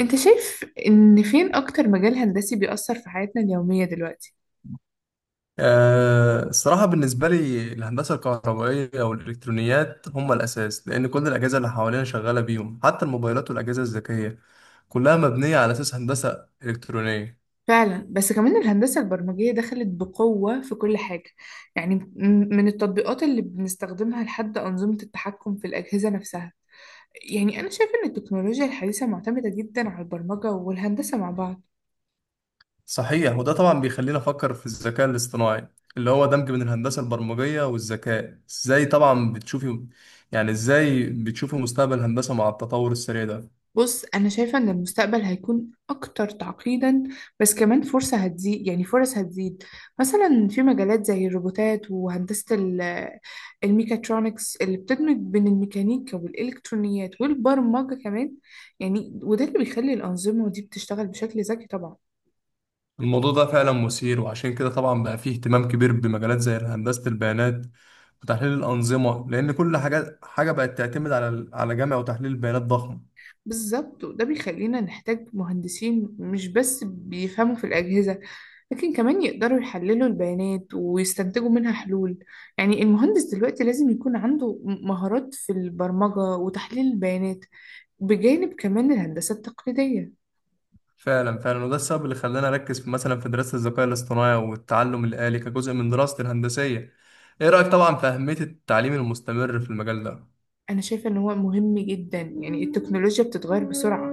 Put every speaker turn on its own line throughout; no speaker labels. انت شايف ان فين اكتر مجال هندسي بيأثر في حياتنا اليومية دلوقتي؟
الصراحة بالنسبة لي الهندسة الكهربائية والإلكترونيات هم الأساس، لأن كل الأجهزة اللي حوالينا شغالة بيهم، حتى الموبايلات والأجهزة الذكية كلها مبنية على أساس هندسة إلكترونية.
فعلا، بس كمان الهندسة البرمجية دخلت بقوة في كل حاجة. يعني من التطبيقات اللي بنستخدمها لحد أنظمة التحكم في الأجهزة نفسها. يعني أنا شايف إن التكنولوجيا الحديثة معتمدة جدا على البرمجة والهندسة مع بعض.
صحيح، وده طبعا بيخلينا نفكر في الذكاء الاصطناعي اللي هو دمج بين الهندسة البرمجية والذكاء. إزاي طبعا بتشوفي يعني إزاي بتشوفي مستقبل الهندسة مع التطور السريع ده؟
بص، أنا شايفة إن المستقبل هيكون أكتر تعقيدا، بس كمان فرصة هتزيد، يعني فرص هتزيد. مثلا في مجالات زي الروبوتات وهندسة الميكاترونكس اللي بتدمج بين الميكانيكا والإلكترونيات والبرمجة كمان. يعني وده اللي بيخلي الأنظمة دي بتشتغل بشكل ذكي طبعا.
الموضوع ده فعلا مثير، وعشان كده طبعا بقى فيه اهتمام كبير بمجالات زي هندسة البيانات وتحليل الأنظمة، لأن كل حاجة بقت تعتمد على جمع وتحليل بيانات ضخم.
بالظبط، وده بيخلينا نحتاج مهندسين مش بس بيفهموا في الأجهزة، لكن كمان يقدروا يحللوا البيانات ويستنتجوا منها حلول. يعني المهندس دلوقتي لازم يكون عنده مهارات في البرمجة وتحليل البيانات بجانب كمان الهندسة التقليدية.
فعلا فعلا، وده السبب اللي خلاني أركز في، مثلا، في دراسة الذكاء الاصطناعي والتعلم الآلي كجزء من دراستي الهندسية. إيه رأيك طبعا في أهمية التعليم المستمر في المجال ده؟
أنا شايفة إن هو مهم جدا، يعني التكنولوجيا بتتغير بسرعة.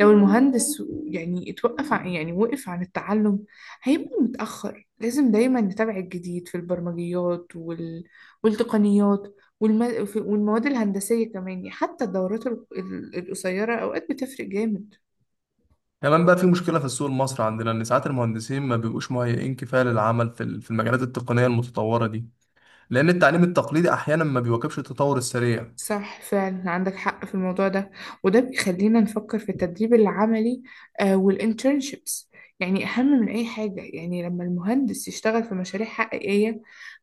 لو المهندس يعني اتوقف عن يعني وقف عن التعلم، هيبقى متأخر. لازم دايما نتابع الجديد في البرمجيات والتقنيات والمواد الهندسية كمان. يعني حتى الدورات القصيرة أوقات بتفرق جامد.
كمان بقى في مشكلة في السوق المصري عندنا، إن ساعات المهندسين ما بيبقوش مهيئين كفاية للعمل في في المجالات التقنية المتطورة دي، لأن التعليم التقليدي أحيانا ما بيواكبش التطور السريع.
صح، فعلا عندك حق في الموضوع ده، وده بيخلينا نفكر في التدريب العملي آه والانترنشيبس. يعني أهم من أي حاجة، يعني لما المهندس يشتغل في مشاريع حقيقية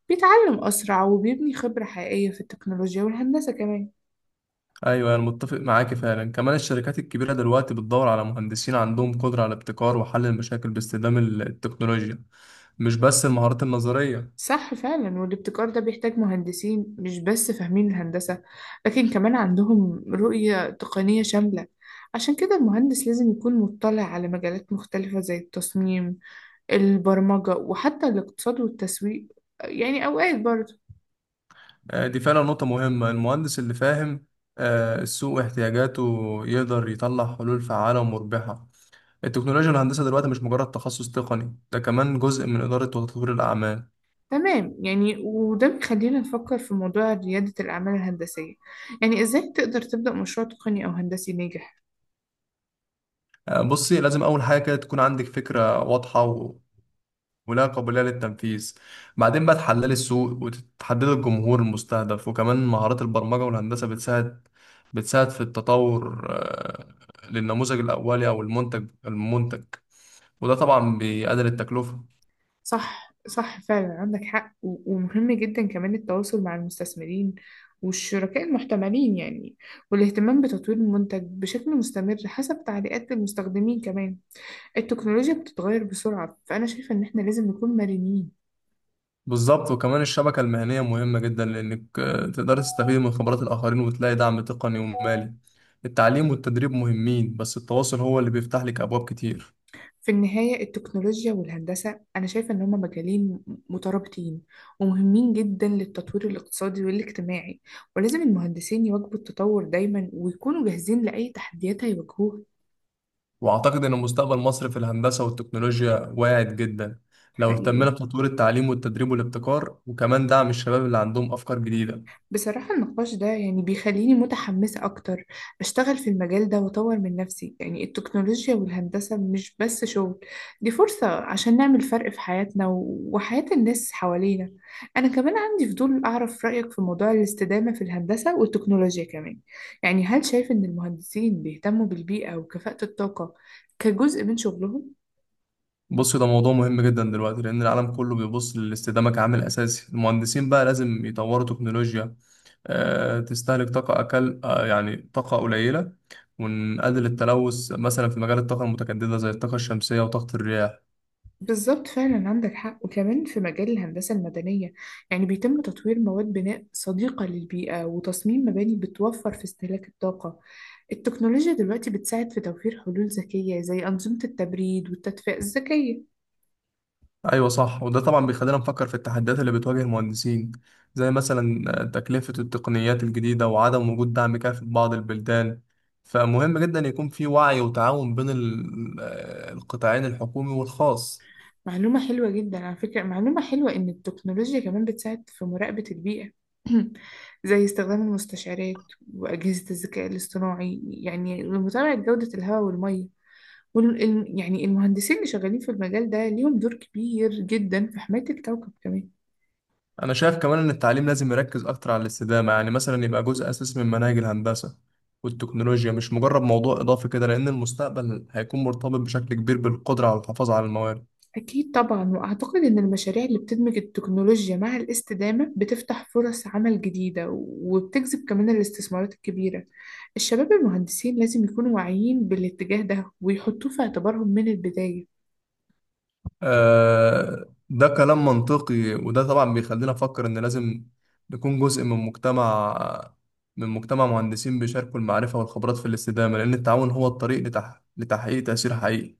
بيتعلم أسرع وبيبني خبرة حقيقية في التكنولوجيا والهندسة كمان.
ايوه، انا متفق معاك فعلا. كمان الشركات الكبيره دلوقتي بتدور على مهندسين عندهم قدره على ابتكار وحل المشاكل باستخدام التكنولوجيا، مش بس المهارات النظريه.
صح، فعلا، والابتكار ده بيحتاج مهندسين مش بس فاهمين الهندسة، لكن كمان عندهم رؤية تقنية شاملة. عشان كده المهندس لازم يكون مطلع على مجالات مختلفة زي التصميم، البرمجة، وحتى الاقتصاد والتسويق، يعني أوقات برضه.
دي فعلا نقطه مهمه. المهندس اللي فاهم السوق واحتياجاته يقدر يطلع حلول فعاله ومربحه. التكنولوجيا والهندسه دلوقتي مش مجرد تخصص تقني، ده كمان جزء من اداره وتطوير الاعمال.
تمام، يعني وده بيخلينا نفكر في موضوع ريادة الأعمال الهندسية، يعني إزاي تقدر تبدأ مشروع تقني أو هندسي ناجح.
بصي، لازم اول حاجه كده تكون عندك فكره واضحه ولا قابلية للتنفيذ. بعدين بقى تحللي السوق وتحددي الجمهور المستهدف، وكمان مهارات البرمجة والهندسة بتساعد في التطور للنموذج الأولي أو المنتج، وده طبعا بيقلل التكلفة.
صح، فعلا عندك حق، ومهم جدا كمان التواصل مع المستثمرين والشركاء المحتملين، يعني والاهتمام بتطوير المنتج بشكل مستمر حسب تعليقات المستخدمين كمان. التكنولوجيا بتتغير بسرعة، فأنا شايفة إن إحنا لازم نكون مرنين.
بالظبط، وكمان الشبكة المهنية مهمة جدا لأنك تقدري تستفيد من خبرات الآخرين وتلاقي دعم تقني ومالي. التعليم والتدريب مهمين، بس التواصل هو اللي بيفتح لك أبواب كتير.
في النهاية التكنولوجيا والهندسة أنا شايفة إن هما مجالين مترابطين ومهمين جدا للتطوير الاقتصادي والاجتماعي، ولازم المهندسين يواكبوا التطور دايما ويكونوا جاهزين لأي تحديات هيواجهوها.
وأعتقد إن مستقبل مصر في الهندسة والتكنولوجيا واعد جدا لو
حقيقي.
اهتمنا بتطوير التعليم والتدريب والابتكار، وكمان دعم الشباب اللي عندهم أفكار جديدة.
بصراحة النقاش ده يعني بيخليني متحمسة أكتر أشتغل في المجال ده وأطور من نفسي. يعني التكنولوجيا والهندسة مش بس شغل، دي فرصة عشان نعمل فرق في حياتنا وحياة الناس حوالينا. أنا كمان عندي فضول أعرف رأيك في موضوع الاستدامة في الهندسة والتكنولوجيا كمان. يعني هل شايف إن المهندسين بيهتموا بالبيئة وكفاءة الطاقة كجزء من شغلهم؟
بص، ده موضوع مهم جدا دلوقتي، لأن العالم كله بيبص للاستدامة كعامل أساسي. المهندسين بقى لازم يطوروا تكنولوجيا تستهلك طاقة أقل، يعني طاقة قليلة، ونقلل التلوث، مثلا في مجال الطاقة المتجددة زي الطاقة الشمسية وطاقة الرياح.
بالظبط، فعلا عندك حق، وكمان في مجال الهندسة المدنية يعني بيتم تطوير مواد بناء صديقة للبيئة وتصميم مباني بتوفر في استهلاك الطاقة. التكنولوجيا دلوقتي بتساعد في توفير حلول ذكية زي أنظمة التبريد والتدفئة الذكية.
ايوه صح، وده طبعا بيخلينا نفكر في التحديات اللي بتواجه المهندسين، زي مثلا تكلفة التقنيات الجديدة وعدم وجود دعم كافي في بعض البلدان. فمهم جدا يكون في وعي وتعاون بين القطاعين الحكومي والخاص.
معلومة حلوة جدا على فكرة، معلومة حلوة إن التكنولوجيا كمان بتساعد في مراقبة البيئة زي استخدام المستشعرات وأجهزة الذكاء الاصطناعي، يعني لمتابعة جودة الهواء والمية. يعني المهندسين اللي شغالين في المجال ده ليهم دور كبير جدا في حماية الكوكب كمان.
انا شايف كمان ان التعليم لازم يركز اكتر على الاستدامة، يعني مثلا يبقى جزء اساسي من مناهج الهندسة والتكنولوجيا، مش مجرد موضوع اضافي كده، لان المستقبل هيكون مرتبط بشكل كبير بالقدرة على الحفاظ على المواد.
أكيد طبعا، وأعتقد إن المشاريع اللي بتدمج التكنولوجيا مع الاستدامة بتفتح فرص عمل جديدة وبتجذب كمان الاستثمارات الكبيرة. الشباب المهندسين لازم يكونوا واعيين بالاتجاه ده ويحطوه في اعتبارهم من البداية.
ده كلام منطقي، وده طبعا بيخلينا نفكر ان لازم نكون جزء من مجتمع مهندسين بيشاركوا المعرفة والخبرات في الاستدامة، لأن التعاون هو الطريق لتحقيق تأثير حقيقي.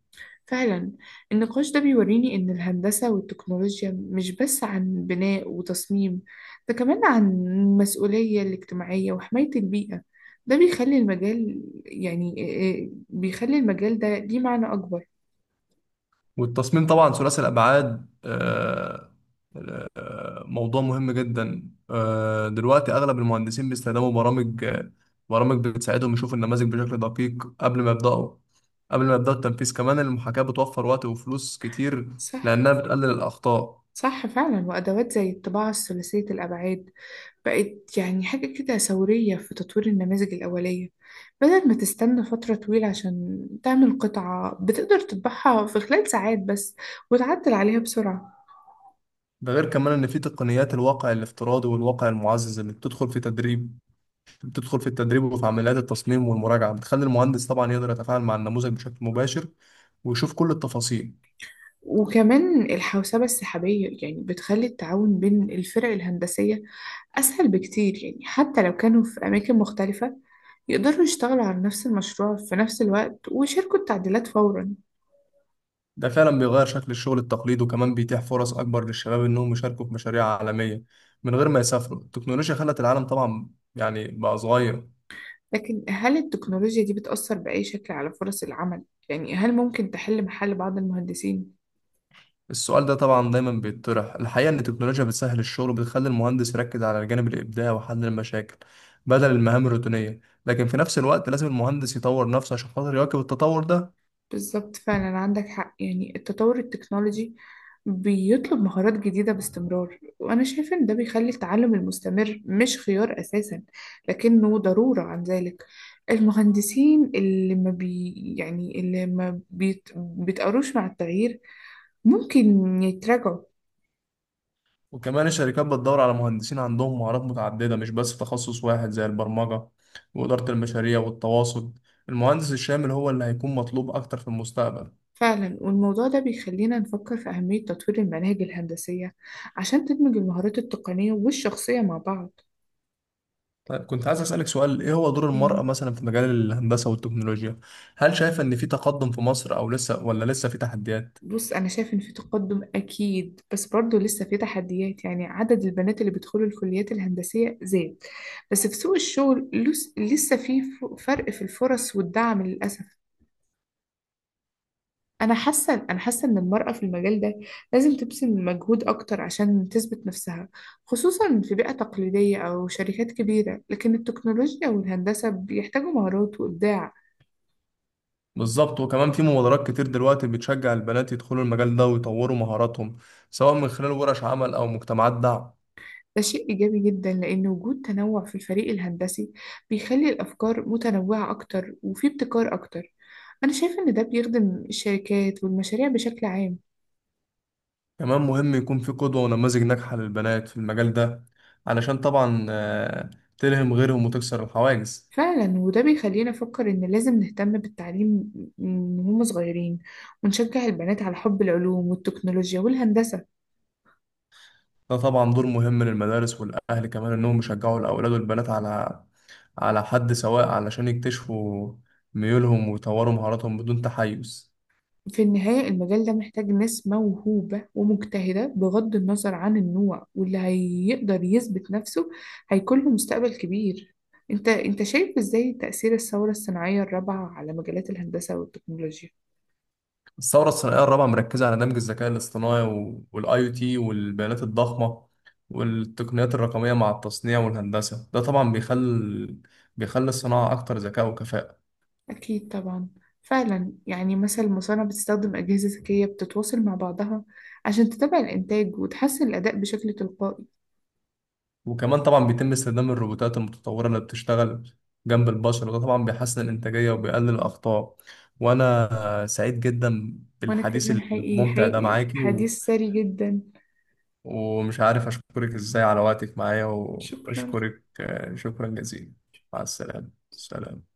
فعلا. النقاش ده بيوريني إن الهندسة والتكنولوجيا مش بس عن بناء وتصميم، ده كمان عن المسؤولية الاجتماعية وحماية البيئة. ده بيخلي المجال، يعني بيخلي المجال ده ليه معنى أكبر.
والتصميم طبعا ثلاثي الأبعاد موضوع مهم جدا. دلوقتي أغلب المهندسين بيستخدموا برامج بتساعدهم يشوفوا النماذج بشكل دقيق قبل ما يبدأوا التنفيذ. كمان المحاكاة بتوفر وقت وفلوس كتير
صح.
لأنها بتقلل الأخطاء.
صح فعلا، وأدوات زي الطباعة الثلاثية الأبعاد بقت يعني حاجة كده ثورية في تطوير النماذج الأولية. بدل ما تستنى فترة طويلة عشان تعمل قطعة، بتقدر تطبعها في خلال ساعات بس وتعدل عليها بسرعة.
ده غير كمان ان في تقنيات الواقع الافتراضي والواقع المعزز اللي بتدخل في التدريب وفي عمليات التصميم والمراجعه، بتخلي المهندس طبعا يقدر يتفاعل مع النموذج بشكل مباشر ويشوف كل التفاصيل.
وكمان الحوسبة السحابية يعني بتخلي التعاون بين الفرق الهندسية أسهل بكتير، يعني حتى لو كانوا في أماكن مختلفة يقدروا يشتغلوا على نفس المشروع في نفس الوقت ويشاركوا التعديلات فورا.
ده فعلا بيغير شكل الشغل التقليدي، وكمان بيتيح فرص اكبر للشباب انهم يشاركوا في مشاريع عالميه من غير ما يسافروا. التكنولوجيا خلت العالم طبعا يعني بقى صغير.
لكن هل التكنولوجيا دي بتأثر بأي شكل على فرص العمل؟ يعني هل ممكن تحل محل بعض المهندسين؟
السؤال ده طبعا دايما بيتطرح. الحقيقة إن التكنولوجيا بتسهل الشغل وبتخلي المهندس يركز على الجانب الإبداعي وحل المشاكل بدل المهام الروتينية، لكن في نفس الوقت لازم المهندس يطور نفسه عشان خاطر يواكب التطور ده.
بالظبط، فعلا عندك حق، يعني التطور التكنولوجي بيطلب مهارات جديدة باستمرار، وأنا شايفة إن ده بيخلي التعلم المستمر مش خيار أساسا لكنه ضرورة. عن ذلك المهندسين اللي ما بيتقروش مع التغيير ممكن يتراجعوا.
وكمان الشركات بتدور على مهندسين عندهم مهارات متعددة، مش بس تخصص واحد، زي البرمجة وإدارة المشاريع والتواصل. المهندس الشامل هو اللي هيكون مطلوب أكتر في المستقبل.
فعلا، والموضوع ده بيخلينا نفكر في أهمية تطوير المناهج الهندسية عشان تدمج المهارات التقنية والشخصية مع بعض.
طيب، كنت عايز أسألك سؤال: إيه هو دور المرأة
يعني
مثلا في مجال الهندسة والتكنولوجيا؟ هل شايفة إن في تقدم في مصر، أو لسه ولا لسه في تحديات؟
بص، أنا شايف إن في تقدم أكيد، بس برضه لسه في تحديات. يعني عدد البنات اللي بيدخلوا الكليات الهندسية زاد، بس في سوق الشغل لسه في فرق في الفرص والدعم للأسف. أنا حاسة إن المرأة في المجال ده لازم تبذل مجهود أكتر عشان تثبت نفسها، خصوصا في بيئة تقليدية أو شركات كبيرة، لكن التكنولوجيا والهندسة بيحتاجوا مهارات وإبداع.
بالظبط، وكمان في مبادرات كتير دلوقتي بتشجع البنات يدخلوا المجال ده ويطوروا مهاراتهم، سواء من خلال ورش عمل أو مجتمعات دعم.
ده شيء إيجابي جدا، لأن وجود تنوع في الفريق الهندسي بيخلي الأفكار متنوعة أكتر وفي ابتكار أكتر. أنا شايفة إن ده بيخدم الشركات والمشاريع بشكل عام.
كمان مهم يكون في قدوة ونماذج ناجحة للبنات في المجال ده علشان طبعا تلهم غيرهم وتكسر الحواجز.
فعلا، وده بيخلينا نفكر إن لازم نهتم بالتعليم من هم صغيرين، ونشجع البنات على حب العلوم والتكنولوجيا والهندسة.
ده طبعا دور مهم للمدارس والأهل كمان، إنهم يشجعوا الأولاد والبنات على حد سواء، علشان يكتشفوا ميولهم ويطوروا مهاراتهم بدون تحيز.
في النهاية المجال ده محتاج ناس موهوبة ومجتهدة بغض النظر عن النوع، واللي هيقدر يثبت نفسه هيكون له مستقبل كبير. انت شايف ازاي تأثير الثورة الصناعية الرابعة على مجالات الهندسة والتكنولوجيا؟
الثورة الصناعية الرابعة مركزة على دمج الذكاء الاصطناعي والاي او تي والبيانات الضخمة والتقنيات الرقمية مع التصنيع والهندسة. ده طبعا بيخلي الصناعة أكتر ذكاء وكفاءة.
أكيد طبعا. فعلا، يعني مثلا المصانع بتستخدم أجهزة ذكية بتتواصل مع بعضها عشان تتابع الإنتاج وتحسن الأداء بشكل تلقائي.
وكمان طبعا بيتم استخدام الروبوتات المتطورة اللي بتشتغل جنب البشر، وده طبعا بيحسن الإنتاجية وبيقلل الأخطاء. وأنا سعيد جدا
وأنا
بالحديث
كمان حقيقي.
الممتع ده معاكي
حديث ثري جدا.
ومش عارف أشكرك إزاي على وقتك معايا،
شكرا.
وبشكرك شكرا جزيلا. مع السلامة. سلام.